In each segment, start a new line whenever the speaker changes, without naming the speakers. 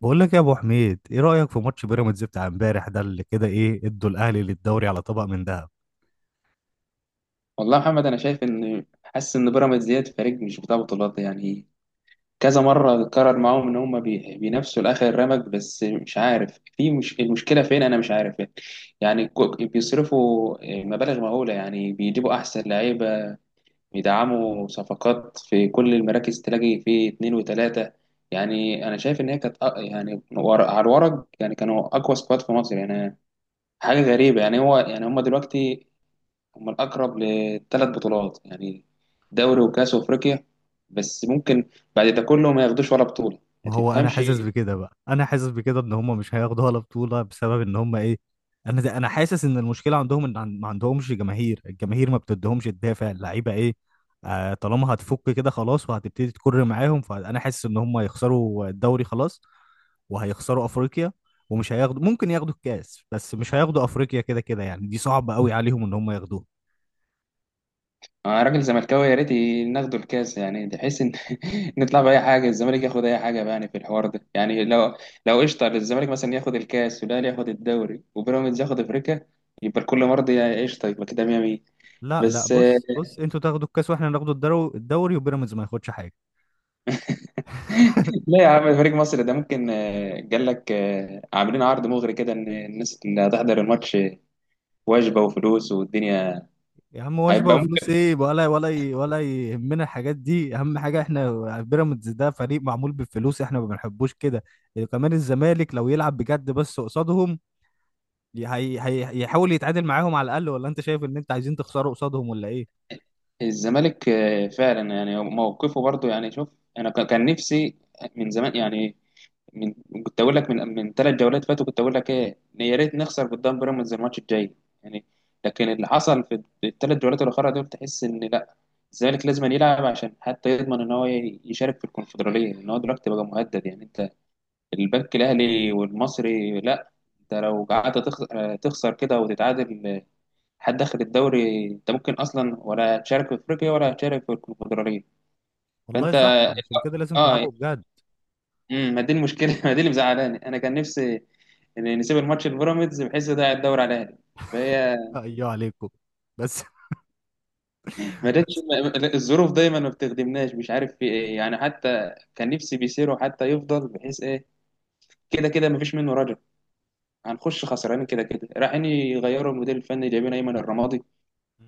بقول لك يا ابو حميد، ايه رايك في ماتش بيراميدز بتاع امبارح ده اللي كده ايه ادوا الاهلي للدوري على طبق من ذهب؟
والله يا محمد، انا شايف ان حاسس ان بيراميدز ديت فريق مش بتاع بطولات. يعني كذا مره اتكرر معاهم ان هم بينافسوا لاخر رمق، بس مش عارف في مش المشكله فين، انا مش عارف. يعني بيصرفوا مبالغ مهوله، يعني بيجيبوا احسن لعيبه، بيدعموا صفقات في كل المراكز، تلاقي في اتنين وتلاته. يعني انا شايف ان هي كانت يعني ورق على الورق، يعني كانوا اقوى سكواد في مصر يعني. حاجه غريبه، يعني هو يعني هم دلوقتي هم الأقرب لثلاث بطولات، يعني دوري وكأس وأفريقيا. بس ممكن بعد ده كله ما ياخدوش ولا بطولة. ما
ما هو انا
تفهمش.
حاسس بكده بقى، انا حاسس بكده ان هم مش هياخدوا ولا بطوله بسبب ان هم ايه. انا حاسس ان المشكله عندهم ان ما عندهمش جماهير، الجماهير ما بتديهمش الدافع اللعيبه ايه. طالما هتفك كده خلاص وهتبتدي تكر معاهم فانا حاسس ان هم هيخسروا الدوري خلاص، وهيخسروا افريقيا ومش هياخدوا، ممكن ياخدوا الكاس بس مش هياخدوا افريقيا، كده كده يعني دي صعبه قوي عليهم ان هم ياخدوها.
أنا راجل زملكاوي، يا ريت ناخدوا الكاس، يعني تحس إن نطلع بأي حاجة. الزمالك ياخد أي حاجة بقى يعني في الحوار ده، يعني لو لو قشطة الزمالك مثلا ياخد الكاس، والأهلي ياخد الدوري، وبيراميدز ياخد أفريقيا، يبقى الكل مرضي، يا قشطة. يبقى كده 100 100.
لا لا،
بس آه،
بص بص، انتوا تاخدوا الكاس واحنا ناخدوا الدوري وبيراميدز ما ياخدش حاجه.
لا يا عم، فريق مصر ده ممكن قال لك، عاملين عرض مغري كده، ان الناس اللي هتحضر الماتش وجبه وفلوس والدنيا،
يا عم، وجبه
هيبقى ممكن.
وفلوس ايه، ولا يهمنا الحاجات دي، اهم حاجه احنا بيراميدز ده فريق معمول بالفلوس احنا ما بنحبوش كده. كمان الزمالك لو يلعب بجد بس قصادهم، هي يحاول يتعادل معاهم على الاقل، ولا انت شايف ان انت عايزين تخسروا قصادهم ولا ايه؟
الزمالك فعلا يعني موقفه برضو، يعني شوف، انا كان نفسي من زمان يعني. من كنت اقول لك من ثلاث جولات فاتوا، كنت اقول لك ايه، إن يا ريت نخسر قدام بيراميدز الماتش الجاي يعني. لكن اللي حصل في الثلاث جولات الاخرى دول، تحس ان لا، الزمالك لازم يلعب عشان حتى يضمن ان هو يشارك في الكونفدراليه، ان هو دلوقتي بقى مهدد. يعني انت البنك الاهلي والمصري، لا، انت لو قعدت تخسر كده وتتعادل، حد داخل الدوري، انت ممكن اصلا ولا تشارك في افريقيا ولا تشارك في الكونفدراليه.
والله
فانت
صح، عشان كده لازم
اه
تلعبوا بجد.
ما دي المشكله. ما دي اللي مزعلاني، انا كان نفسي ان نسيب الماتش البيراميدز بحيث ده الدوري على الاهلي. فهي
ايوه عليكم. بس
ما جاتش،
بس.
الظروف دايما ما بتخدمناش، مش عارف في ايه يعني. حتى كان نفسي بيسيرو حتى يفضل بحيث ايه. كده كده ما فيش منه رجل، هنخش خسرانين كده كده. رايحين يغيروا المدير الفني، جايبين ايمن الرمادي،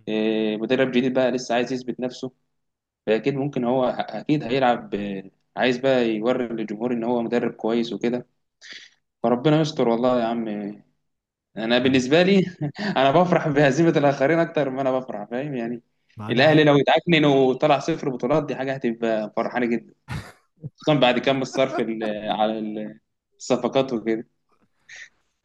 إيه، مدرب جديد بقى لسه عايز يثبت نفسه. فأكيد ممكن هو أكيد هيلعب، عايز بقى يوري للجمهور إن هو مدرب كويس وكده. فربنا يستر والله يا عم. أنا
لا، لا،
بالنسبة لي، أنا بفرح بهزيمة الآخرين أكتر ما أنا بفرح، فاهم يعني.
ما انا
الأهلي
عارف.
لو اتعكنن وطلع صفر بطولات، دي حاجة هتبقى فرحانة جدا، خصوصا بعد كم الصرف على الصفقات وكده.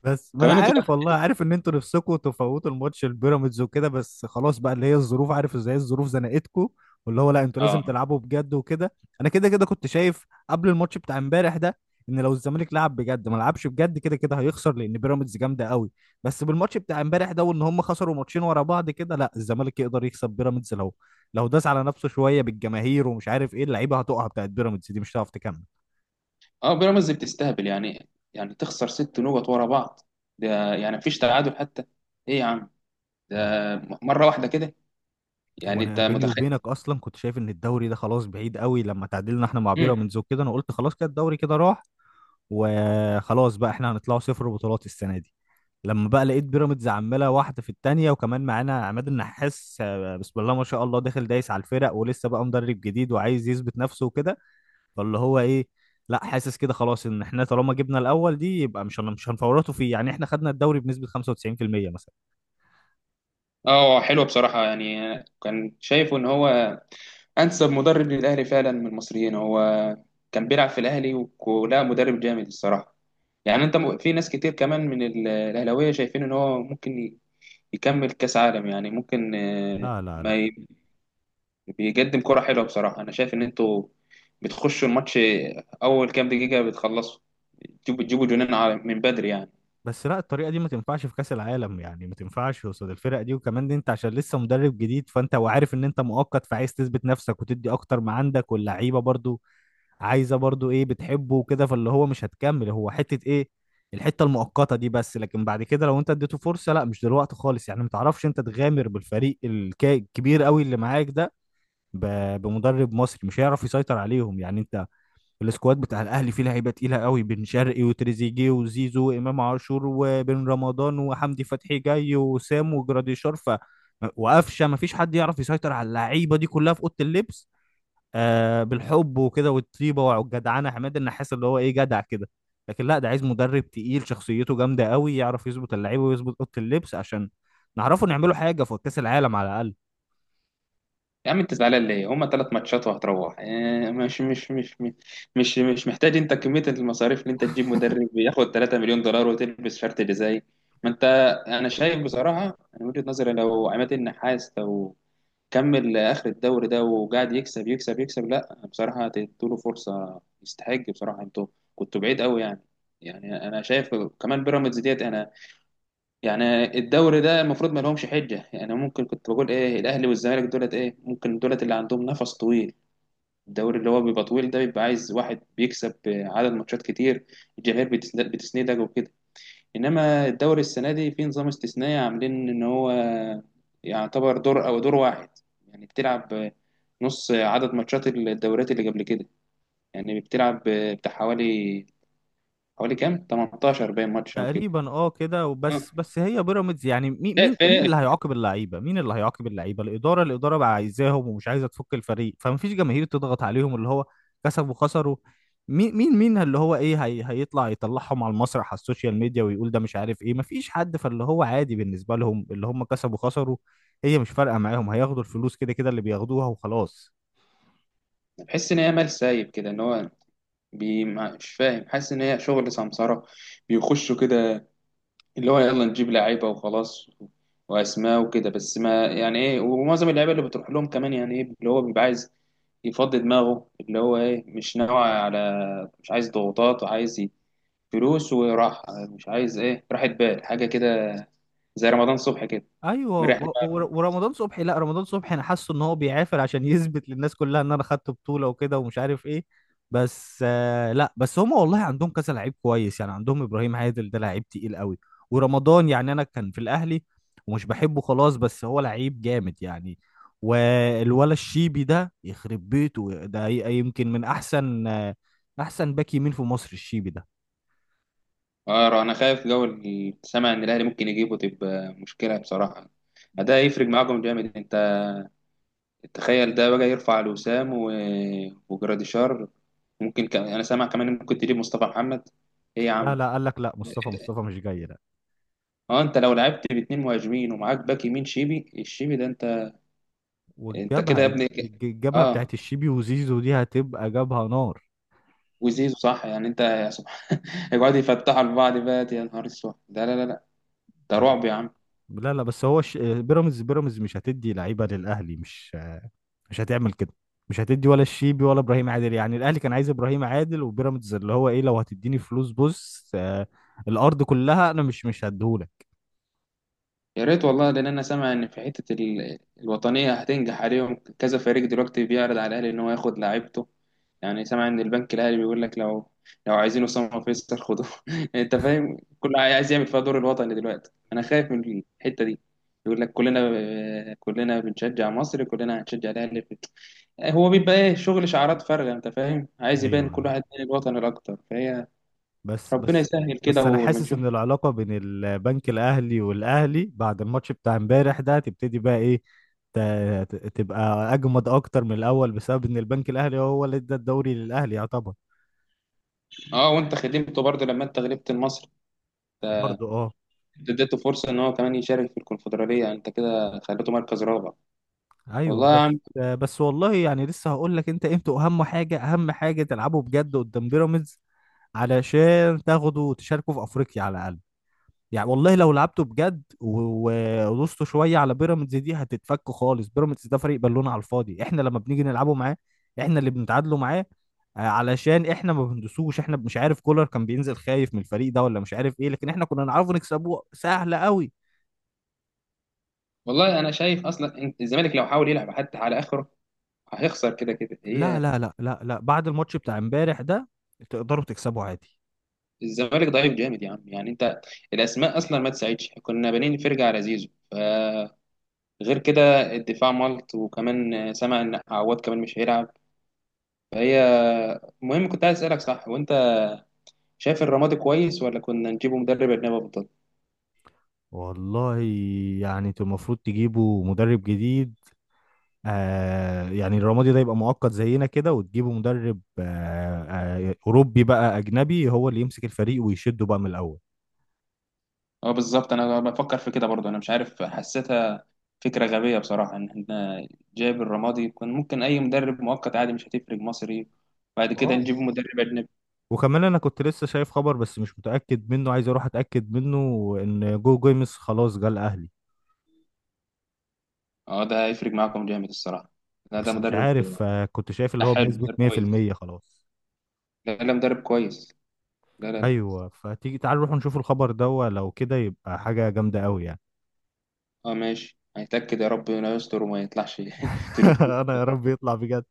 بس ما انا
كمان انت
عارف والله، عارف ان انتوا نفسكم تفوتوا الماتش البيراميدز وكده، بس خلاص بقى اللي هي الظروف، عارف ازاي الظروف زنقتكم. واللي هو لا، انتوا لازم
اه
تلعبوا بجد وكده. انا كده كده كنت شايف قبل الماتش بتاع امبارح ده ان لو الزمالك لعب بجد ما لعبش بجد كده كده هيخسر، لان بيراميدز جامده قوي. بس بالماتش بتاع امبارح ده وان هم خسروا ماتشين ورا بعض كده، لا الزمالك يقدر يكسب بيراميدز لو داس على نفسه شويه، بالجماهير ومش عارف ايه اللعيبه هتقع، بتاعت بيراميدز دي مش هتعرف تكمل
اه بيراميدز بتستهبل، يعني يعني تخسر ست نقط ورا بعض. ده يعني مفيش تعادل حتى؟ ايه يا عم، ده
والله.
مرة واحدة كده،
هو
يعني انت
انا بيني
متخيل.
وبينك اصلا كنت شايف ان الدوري ده خلاص بعيد قوي، لما تعادلنا احنا مع
امم
بيراميدز وكده انا قلت خلاص كده الدوري كده راح، وخلاص بقى احنا هنطلعوا صفر بطولات السنه دي. لما بقى لقيت بيراميدز عماله واحده في التانيه، وكمان معانا عماد النحاس، بسم الله ما شاء الله داخل دايس على الفرق ولسه بقى مدرب جديد وعايز يثبت نفسه وكده، فاللي هو ايه لا، حاسس كده خلاص ان احنا طالما جبنا الاول دي يبقى مش هنفورطوا فيه، يعني احنا خدنا الدوري بنسبه 95% مثلا.
اه حلو بصراحة يعني. كان شايفه ان هو انسب مدرب للاهلي فعلا من المصريين. هو كان بيلعب في الاهلي، ولا مدرب جامد الصراحة. يعني انت في ناس كتير كمان من الاهلاوية شايفين ان هو ممكن يكمل كاس عالم. يعني ممكن آه،
لا لا
ما
لا.
ي- بيقدم كرة حلوة بصراحة. انا شايف ان انتوا بتخشوا الماتش اول كام دقيقة، بتخلصوا، بتجيبوا جنان من بدري يعني.
بس لا الطريقه دي ما تنفعش في كاس العالم، يعني ما تنفعش قصاد الفرق دي، وكمان دي انت عشان لسه مدرب جديد فانت وعارف ان انت مؤقت فعايز تثبت نفسك وتدي اكتر ما عندك، واللعيبه برضو عايزه برضو ايه بتحبه وكده، فاللي هو مش هتكمل هو حته ايه، الحته المؤقته دي بس، لكن بعد كده لو انت اديته فرصه، لا مش دلوقتي خالص، يعني ما تعرفش انت تغامر بالفريق الكبير قوي اللي معاك ده بمدرب مصري مش هيعرف يسيطر عليهم يعني. انت السكواد بتاع الاهلي فيه لعيبه تقيله قوي، بن شرقي وتريزيجيه وزيزو وامام عاشور وبن رمضان وحمدي فتحي جاي وسام وجراديشار وقفشه، ما فيش حد يعرف يسيطر على اللعيبه دي كلها في اوضه اللبس. بالحب وكده والطيبه والجدعنه عماد النحاس اللي هو ايه جدع كده، لكن لا، ده عايز مدرب تقيل شخصيته جامده قوي يعرف يظبط اللعيبه ويظبط اوضه اللبس، عشان نعرفوا نعملوا حاجه في كاس العالم على الاقل.
يا عم انت زعلان ليه؟ هما ثلاث ماتشات وهتروح. اه، مش محتاج انت كمية المصاريف اللي انت تجيب مدرب ياخد 3 مليون دولار وتلبس شرط جزائي. ما انت، انا شايف بصراحة، انا من وجهة نظري، لو عماد النحاس لو كمل اخر الدوري ده وقاعد يكسب يكسب يكسب، لا بصراحة تديله فرصة، يستحق بصراحة. انتوا كنتوا بعيد قوي يعني. يعني انا شايف كمان بيراميدز ديت، انا يعني الدوري ده المفروض ما لهمش حجه. يعني ممكن كنت بقول ايه، الاهلي والزمالك دولت ايه، ممكن دولت اللي عندهم نفس طويل. الدوري اللي هو بيبقى طويل ده، بيبقى عايز واحد بيكسب عدد ماتشات كتير، الجماهير بتسندك وكده. انما الدوري السنه دي في نظام استثنائي، عاملين ان هو يعتبر دور او دور واحد. يعني بتلعب نص عدد ماتشات الدوريات اللي قبل كده. يعني بتلعب بتاع حوالي كام 18 باين ماتش او كده.
تقريبا اه كده
اه.
وبس. بس هي بيراميدز يعني مي-
لا،
مين مين اللي
في-
هيعاقب اللعيبه، مين اللي هيعاقب اللعيبه؟ الاداره بقى عايزاهم ومش عايزه تفك الفريق، فما فيش جماهير تضغط عليهم اللي هو كسبوا خسروا. مين اللي هو ايه، هي هيطلع يطلعهم على المسرح، على السوشيال ميديا ويقول ده مش عارف ايه، ما فيش حد، فاللي هو عادي بالنسبه لهم اللي هم كسبوا خسروا، هي مش فارقه معاهم، هياخدوا الفلوس كده كده اللي بياخدوها وخلاص.
بحس ان هي مال سايب كده. ان هو بي مش فاهم، حاسس ان هي شغل سمسرة، بيخشوا كده اللي هو يلا نجيب لعيبة وخلاص واسماء وكده. بس ما يعني ايه، ومعظم اللعيبة اللي بتروح لهم كمان يعني ايه، اللي هو بيبقى عايز يفضي دماغه، اللي هو ايه، مش ناوي على، مش عايز ضغوطات وعايز فلوس وراحة، مش عايز ايه، راحة بال حاجة كده، زي رمضان صبحي كده،
ايوه
مريح دماغ.
ورمضان صبحي، لا رمضان صبحي انا حاسه ان هو بيعافر عشان يثبت للناس كلها ان انا خدت بطوله وكده ومش عارف ايه. بس لا، بس هم والله عندهم كذا لعيب كويس، يعني عندهم ابراهيم عادل ده لعيب تقيل قوي. ورمضان يعني انا كان في الاهلي ومش بحبه خلاص، بس هو لعيب جامد يعني. والولا الشيبي ده يخرب بيته ده يمكن من احسن، احسن باك يمين في مصر الشيبي ده.
اه انا خايف، جو سامع ان الاهلي ممكن يجيبه، تبقى مشكلة بصراحة. ده هيفرق معاكم جامد، انت تخيل ده بقى يرفع لوسام وجراديشار. ممكن انا سامع كمان إن ممكن تجيب مصطفى محمد. ايه يا
لا
عم.
لا، قال لك لا، مصطفى مش جاي.
اه انت لو لعبت باتنين مهاجمين ومعاك باك يمين شيبي، الشيبي ده انت. انت
والجبهة
كده يا
الج-
ابني
الج- الجبهة بتاعت
اه.
الشيبي وزيزو دي هتبقى جبهة نار.
وزيزو صح، يعني انت يا سبحان. يقعدوا يفتحوا لبعض بقى، يا نهار اسود. ده لا لا لا، ده رعب يا عم.
لا لا، بس هو بيراميدز مش هتدي لعيبة للأهلي، مش هتعمل كده، مش هتدي ولا الشيبي ولا إبراهيم عادل، يعني الأهلي كان عايز إبراهيم عادل وبيراميدز اللي هو إيه لو هتديني فلوس بص، الأرض كلها أنا مش هديهولك.
يا ريت والله، لان انا سامع ان في حته الوطنيه هتنجح، عليهم كذا فريق دلوقتي بيعرض على الاهلي ان هو ياخد لعيبته. يعني سامع ان البنك الاهلي بيقول لك، لو عايزين اسامه فيصل خدوه. انت فاهم، كل عايز يعمل فيها دور الوطني دلوقتي، انا خايف من الحته دي. يقول لك كلنا كلنا بنشجع مصر، كلنا هنشجع الاهلي هو بيبقى ايه، شغل شعارات فارغه، انت فاهم، عايز
أيوه
يبان كل
أيوه.
واحد من الوطن الاكتر. فهي
بس
ربنا
بس
يسهل، كده
بس انا
ولما
حاسس
نشوف.
ان العلاقه بين البنك الاهلي والاهلي بعد الماتش بتاع امبارح ده تبتدي بقى ايه، ت- تبقى اجمد اكتر من الاول بسبب ان البنك الاهلي هو اللي ادى الدوري للاهلي يعتبر.
اه، وانت خدمته برضه لما انت غلبت المصري،
برضه اه.
انت اديته فرصه ان هو كمان يشارك في الكونفدراليه، انت كده خليته مركز رابع.
ايوه
والله يا
بس
عم.
بس والله يعني لسه هقول لك انت، انتوا اهم حاجه اهم حاجه تلعبوا بجد قدام بيراميدز، علشان تاخدوا وتشاركوا في افريقيا على الاقل. يعني والله لو لعبته بجد ودوسته شويه على بيراميدز دي هتتفك خالص، بيراميدز ده فريق بالون على الفاضي، احنا لما بنيجي نلعبه معاه احنا اللي بنتعادلوا معاه، علشان احنا ما بندوسوش، احنا مش عارف كولر كان بينزل خايف من الفريق ده ولا مش عارف ايه، لكن احنا كنا نعرفه نكسبوه سهله قوي.
والله انا شايف اصلا إن الزمالك لو حاول يلعب حتى على اخره هيخسر كده كده
لا
هي.
لا لا لا لا، بعد الماتش بتاع امبارح ده تقدروا تكسبوا عادي.
الزمالك ضعيف جامد يا عم، يعني انت الاسماء اصلا ما تساعدش، كنا بانين فرجه على زيزو فغير كده الدفاع ملط، وكمان سمع ان عواد كمان مش هيلعب، فهي. المهم كنت عايز اسالك، صح وانت شايف الرمادي كويس، ولا كنا نجيبه مدرب اجنبي افضل؟
والله يعني انتوا المفروض تجيبوا مدرب جديد، آه يعني الرمادي ده يبقى مؤقت زينا كده، وتجيبوا مدرب أوروبي بقى، أجنبي هو اللي يمسك الفريق ويشده بقى من الأول.
اه بالظبط، انا بفكر في كده برضه، انا مش عارف حسيتها فكره غبيه بصراحه ان احنا جايب الرمادي. كان ممكن اي مدرب مؤقت عادي مش هتفرق، مصري. بعد كده
اه،
نجيب مدرب اجنبي.
وكمان أنا كنت لسه شايف خبر بس مش متأكد منه، عايز أروح أتأكد منه إن جو جيمس خلاص جه الأهلي،
اه ده هيفرق معاكم جامد الصراحه. لا ده
بس مش
مدرب.
عارف، كنت شايف اللي
لا
هو
حلو،
بنسبة
مدرب كويس.
100% خلاص.
لا لا، مدرب كويس. لا لا لا.
أيوه، فتيجي تعال نروح نشوف الخبر ده، لو كده يبقى حاجة جامدة أوي يعني.
اه ماشي، هيتاكد، يا رب انه يستر وما يطلعش تجربته.
أنا يا رب يطلع بجد،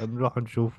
هنروح نشوف.